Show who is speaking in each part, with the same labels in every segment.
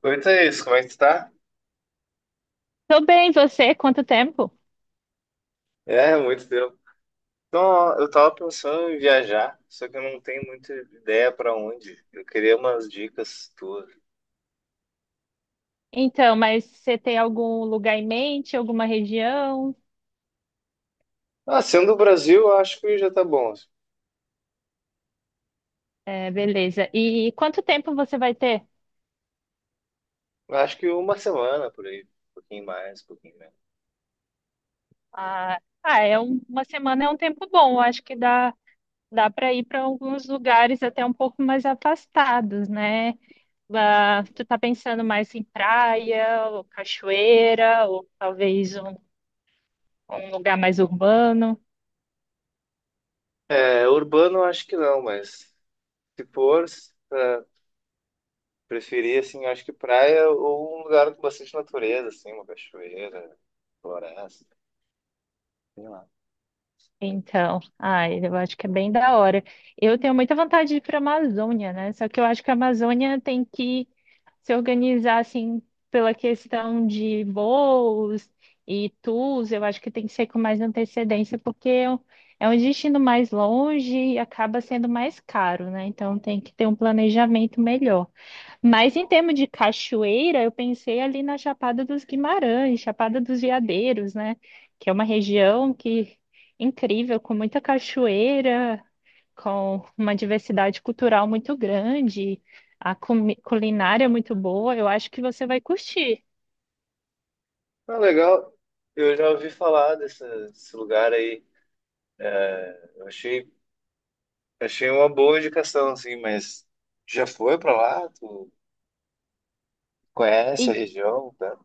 Speaker 1: Quanto é isso, como é que tu tá?
Speaker 2: Tô bem, você? Quanto tempo?
Speaker 1: É, muito tempo. Então, ó, eu tava pensando em viajar, só que eu não tenho muita ideia pra onde. Eu queria umas dicas tuas.
Speaker 2: Então, mas você tem algum lugar em mente, alguma região?
Speaker 1: Ah, sendo do Brasil, eu acho que já tá bom assim.
Speaker 2: É, beleza. E quanto tempo você vai ter?
Speaker 1: Eu Acho que uma semana por aí, um pouquinho mais, um pouquinho menos.
Speaker 2: Ah, ah, é uma semana é um tempo bom. Eu acho que dá para ir para alguns lugares até um pouco mais afastados, né? Ah,
Speaker 1: Uhum.
Speaker 2: tu tá pensando mais em praia, ou cachoeira, ou talvez um lugar mais urbano?
Speaker 1: É, urbano eu acho que não, mas se for, preferir assim, eu acho que praia ou um lugar com bastante natureza, assim, uma cachoeira, floresta, sei lá.
Speaker 2: Então, ai, eu acho que é bem da hora. Eu tenho muita vontade de ir para a Amazônia, né? Só que eu acho que a Amazônia tem que se organizar assim pela questão de voos e tours. Eu acho que tem que ser com mais antecedência, porque é um destino mais longe e acaba sendo mais caro, né? Então tem que ter um planejamento melhor. Mas em termos de cachoeira, eu pensei ali na Chapada dos Guimarães, Chapada dos Veadeiros, né? Que é uma região que incrível, com muita cachoeira, com uma diversidade cultural muito grande, a culinária muito boa. Eu acho que você vai curtir.
Speaker 1: Ah, legal. Eu já ouvi falar desse lugar aí. Eu achei Achei uma boa indicação, assim, mas já foi pra lá? Tu conhece a
Speaker 2: E
Speaker 1: região, tá?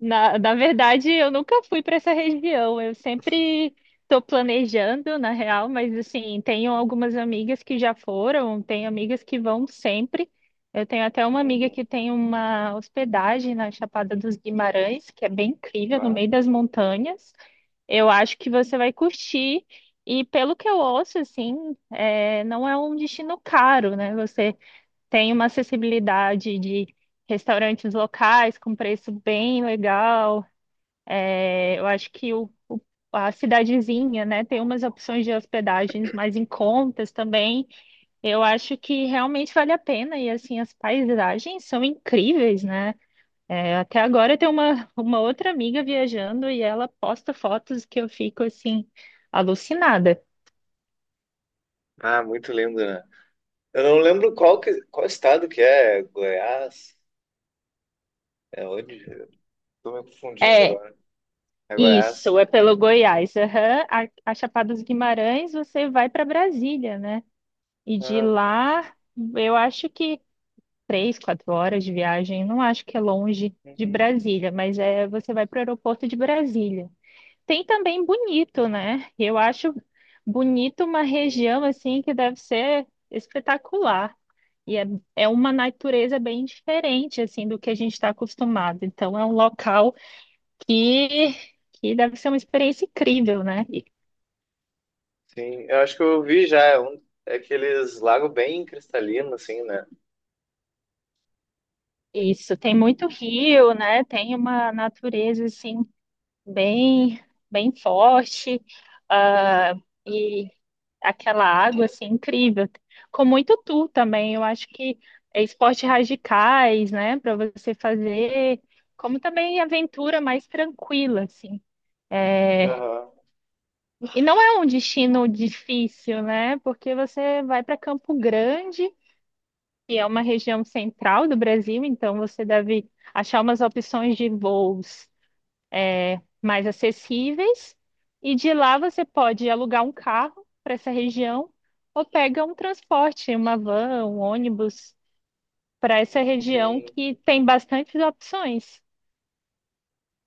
Speaker 2: na verdade, eu nunca fui para essa região. Eu sempre estou planejando, na real, mas assim, tenho algumas amigas que já foram, tenho amigas que vão sempre. Eu tenho até uma amiga
Speaker 1: Uhum.
Speaker 2: que tem uma hospedagem na Chapada dos Guimarães, que é bem incrível, no
Speaker 1: Bah.
Speaker 2: meio das montanhas. Eu acho que você vai curtir. E pelo que eu ouço, assim, é, não é um destino caro, né? Você tem uma acessibilidade de restaurantes locais com preço bem legal. É, eu acho que a cidadezinha, né, tem umas opções de hospedagens mais em contas também. Eu acho que realmente vale a pena e assim as paisagens são incríveis, né? É, até agora tem uma outra amiga viajando e ela posta fotos que eu fico assim alucinada.
Speaker 1: Ah, muito lindo, né? Eu não lembro qual estado que é, Goiás? É onde? Eu Tô me confundindo
Speaker 2: É
Speaker 1: agora. É Goiás.
Speaker 2: isso, é pelo Goiás. Aham. A Chapada dos Guimarães, você vai para Brasília, né? E de
Speaker 1: Ah,
Speaker 2: lá, eu acho que 3, 4 horas de viagem. Não acho que é longe de
Speaker 1: uhum,
Speaker 2: Brasília, mas é você vai para o aeroporto de Brasília. Tem também Bonito, né? Eu acho Bonito uma região
Speaker 1: uhum.
Speaker 2: assim que deve ser espetacular. E é uma natureza bem diferente assim do que a gente está acostumado. Então é um local que que deve ser uma experiência incrível, né? E-
Speaker 1: Sim, eu acho que eu vi já, é, um, é aqueles lagos bem cristalinos, assim, né?
Speaker 2: Isso, tem muito rio, né? Tem uma natureza assim bem, bem forte, ah, e aquela água assim incrível. Com muito tu também, eu acho que é esportes radicais, né, para você fazer, como também aventura mais tranquila assim.
Speaker 1: Aham,
Speaker 2: E não é um destino difícil, né? Porque você vai para Campo Grande, que é uma região central do Brasil, então você deve achar umas opções de voos mais acessíveis, e de lá você pode alugar um carro para essa região ou pega um transporte, uma van, um ônibus para essa região
Speaker 1: sim.
Speaker 2: que tem bastantes opções.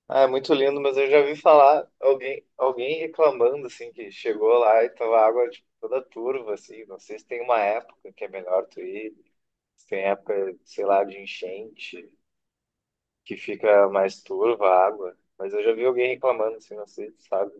Speaker 1: Ah, é muito lindo, mas eu já vi falar alguém, alguém reclamando assim que chegou lá e tava a água tipo, toda turva assim. Não sei se tem uma época que é melhor tu ir, se tem época, sei lá, de enchente que fica mais turva a água. Mas eu já vi alguém reclamando assim, não sei, sabe?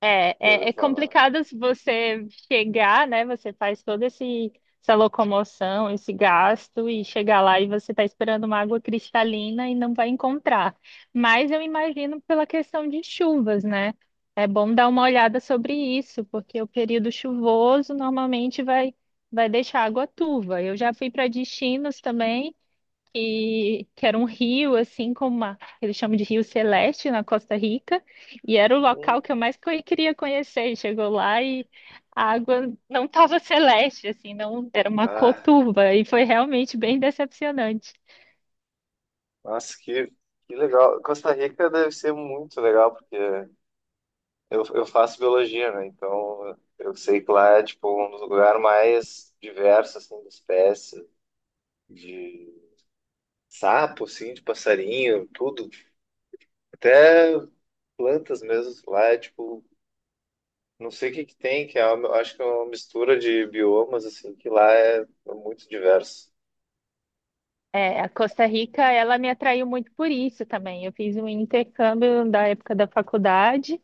Speaker 2: É,
Speaker 1: Já
Speaker 2: é,
Speaker 1: ouviu
Speaker 2: é
Speaker 1: falar?
Speaker 2: complicado se você chegar, né? Você faz toda essa locomoção, esse gasto, e chegar lá e você está esperando uma água cristalina e não vai encontrar. Mas eu imagino pela questão de chuvas, né? É bom dar uma olhada sobre isso, porque o período chuvoso normalmente vai deixar água turva. Eu já fui para destinos também que era um rio, assim, como eles chamam de Rio Celeste, na Costa Rica, e era o
Speaker 1: Hum.
Speaker 2: local que eu mais queria conhecer. E chegou lá e a água não estava celeste, assim, não, era uma cor
Speaker 1: Ah,
Speaker 2: turva, e foi realmente bem decepcionante.
Speaker 1: nossa, que legal. Costa Rica deve ser muito legal porque eu faço biologia, né? Então eu sei que lá é tipo um dos lugares mais diversos assim de espécies de sapo, assim, de passarinho, tudo, até plantas mesmo. Lá é tipo, não sei o que que tem, que é uma, acho que é uma mistura de biomas, assim, que lá é muito diverso.
Speaker 2: É, a Costa Rica, ela me atraiu muito por isso também. Eu fiz um intercâmbio da época da faculdade,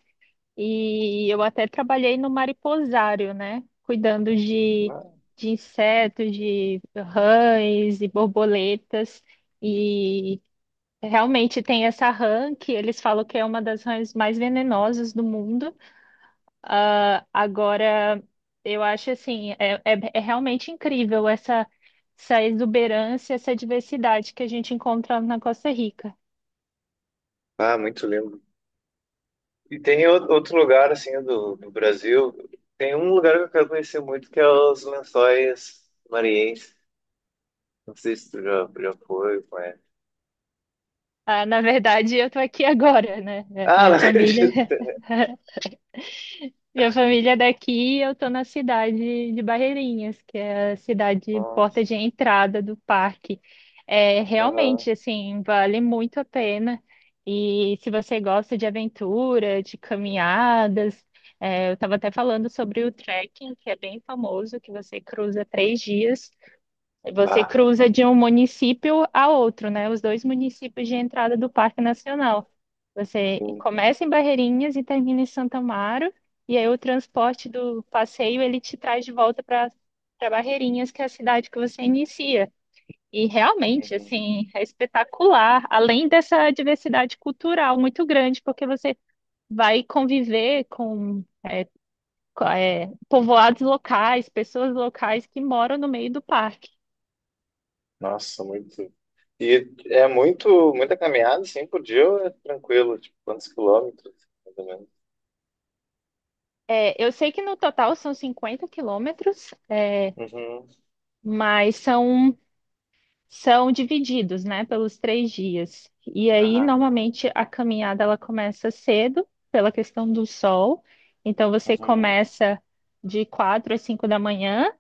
Speaker 2: e eu até trabalhei no mariposário, né? Cuidando de,
Speaker 1: Ah,
Speaker 2: de insetos, de rãs e borboletas. E realmente tem essa rã que eles falam que é uma das rãs mais venenosas do mundo. Ah, agora, eu acho assim, é realmente incrível essa exuberância, essa diversidade que a gente encontra na Costa Rica.
Speaker 1: ah, muito lindo. E tem o- outro lugar, assim, do Brasil, tem um lugar que eu quero conhecer muito, que é os Lençóis Maranhenses. Não sei se tu já foi, conhece.
Speaker 2: Ah, na verdade, eu estou aqui agora, né? É,
Speaker 1: Ah, não acredito!
Speaker 2: Minha família é daqui, eu tô na cidade de Barreirinhas, que é a cidade
Speaker 1: Nossa,
Speaker 2: porta de entrada do parque. É
Speaker 1: aham.
Speaker 2: realmente assim, vale muito a pena. E se você gosta de aventura, de caminhadas, é, eu estava até falando sobre o trekking, que é bem famoso, que você cruza 3 dias, você
Speaker 1: Bah,
Speaker 2: cruza de um município a outro, né? Os dois municípios de entrada do Parque Nacional. Você
Speaker 1: sim.
Speaker 2: começa em Barreirinhas e termina em Santo Amaro, e aí o transporte do passeio ele te traz de volta para Barreirinhas, que é a cidade que você inicia. E realmente,
Speaker 1: Uhum.
Speaker 2: assim, é espetacular, além dessa diversidade cultural muito grande, porque você vai conviver com povoados locais, pessoas locais que moram no meio do parque.
Speaker 1: Nossa, muito. E é muito, muita caminhada, assim, por dia ou é tranquilo? Tipo, quantos quilômetros, mais ou menos?
Speaker 2: É, eu sei que no total são 50 quilômetros, é,
Speaker 1: Uhum,
Speaker 2: mas são divididos, né, pelos 3 dias. E aí,
Speaker 1: aham,
Speaker 2: normalmente, a caminhada ela começa cedo, pela questão do sol. Então, você
Speaker 1: uhum,
Speaker 2: começa de 4 às 5 da manhã,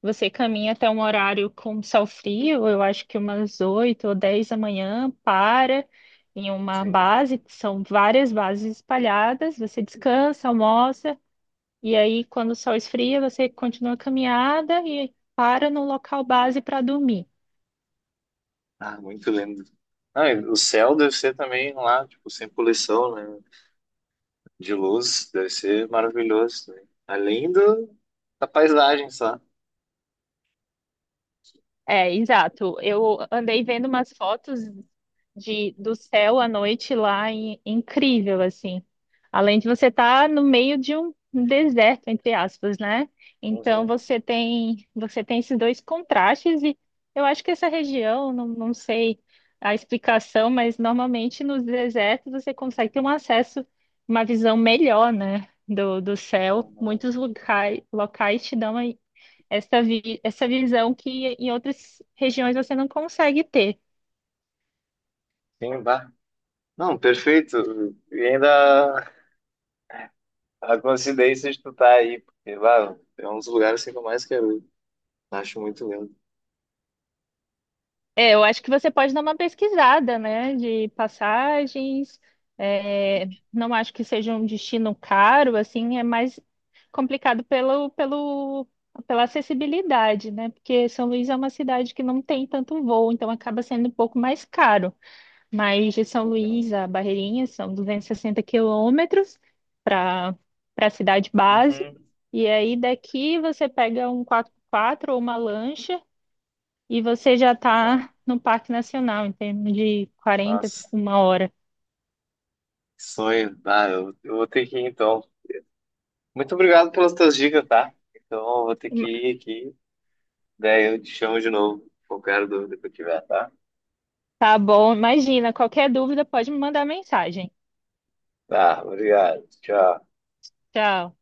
Speaker 2: você caminha até um horário com sol frio, eu acho que umas 8 ou 10 da manhã, para em uma
Speaker 1: sim.
Speaker 2: base, que são várias bases espalhadas, você descansa, almoça. E aí, quando o sol esfria, você continua a caminhada e para no local base para dormir.
Speaker 1: Ah, muito lindo. Ah, e o céu deve ser também lá, tipo, sem poluição, né? De luz, deve ser maravilhoso também. Além do, da paisagem só.
Speaker 2: É, exato. Eu andei vendo umas fotos do céu à noite lá, incrível, assim. Além de você estar no meio de um deserto, entre aspas, né? Então
Speaker 1: Uhum,
Speaker 2: você tem esses dois contrastes e eu acho que essa região, não, não sei a explicação, mas normalmente nos desertos você consegue ter um acesso, uma visão melhor, né? Do céu.
Speaker 1: uhum.
Speaker 2: Muitos locais, locais te dão essa, essa visão que em outras regiões você não consegue ter.
Speaker 1: Sim, bah. Não, perfeito. E ainda a coincidência de tu estar aí, porque, bah, é um dos lugares assim, que eu mais quero ir. Acho muito lindo.
Speaker 2: É, eu acho que você pode dar uma pesquisada, né, de passagens. É, não acho que seja um destino caro, assim, é mais complicado pela acessibilidade, né? Porque São Luís é uma cidade que não tem tanto voo, então acaba sendo um pouco mais caro. Mas de São Luís
Speaker 1: Uhum.
Speaker 2: a Barreirinhas são 260 quilômetros para a cidade base. E aí daqui você pega um 4x4 ou uma lancha e você já
Speaker 1: Ah,
Speaker 2: está no Parque Nacional, em termos de 40,
Speaker 1: nossa,
Speaker 2: uma hora.
Speaker 1: que sonho. Ah, eu vou ter que ir então. Muito obrigado pelas tuas dicas, tá? Então, eu vou ter que ir aqui. Daí eu te chamo de novo, qualquer dúvida que eu tiver, tá?
Speaker 2: Tá bom, imagina. Qualquer dúvida pode me mandar mensagem.
Speaker 1: Tá, obrigado. Tchau.
Speaker 2: Tchau.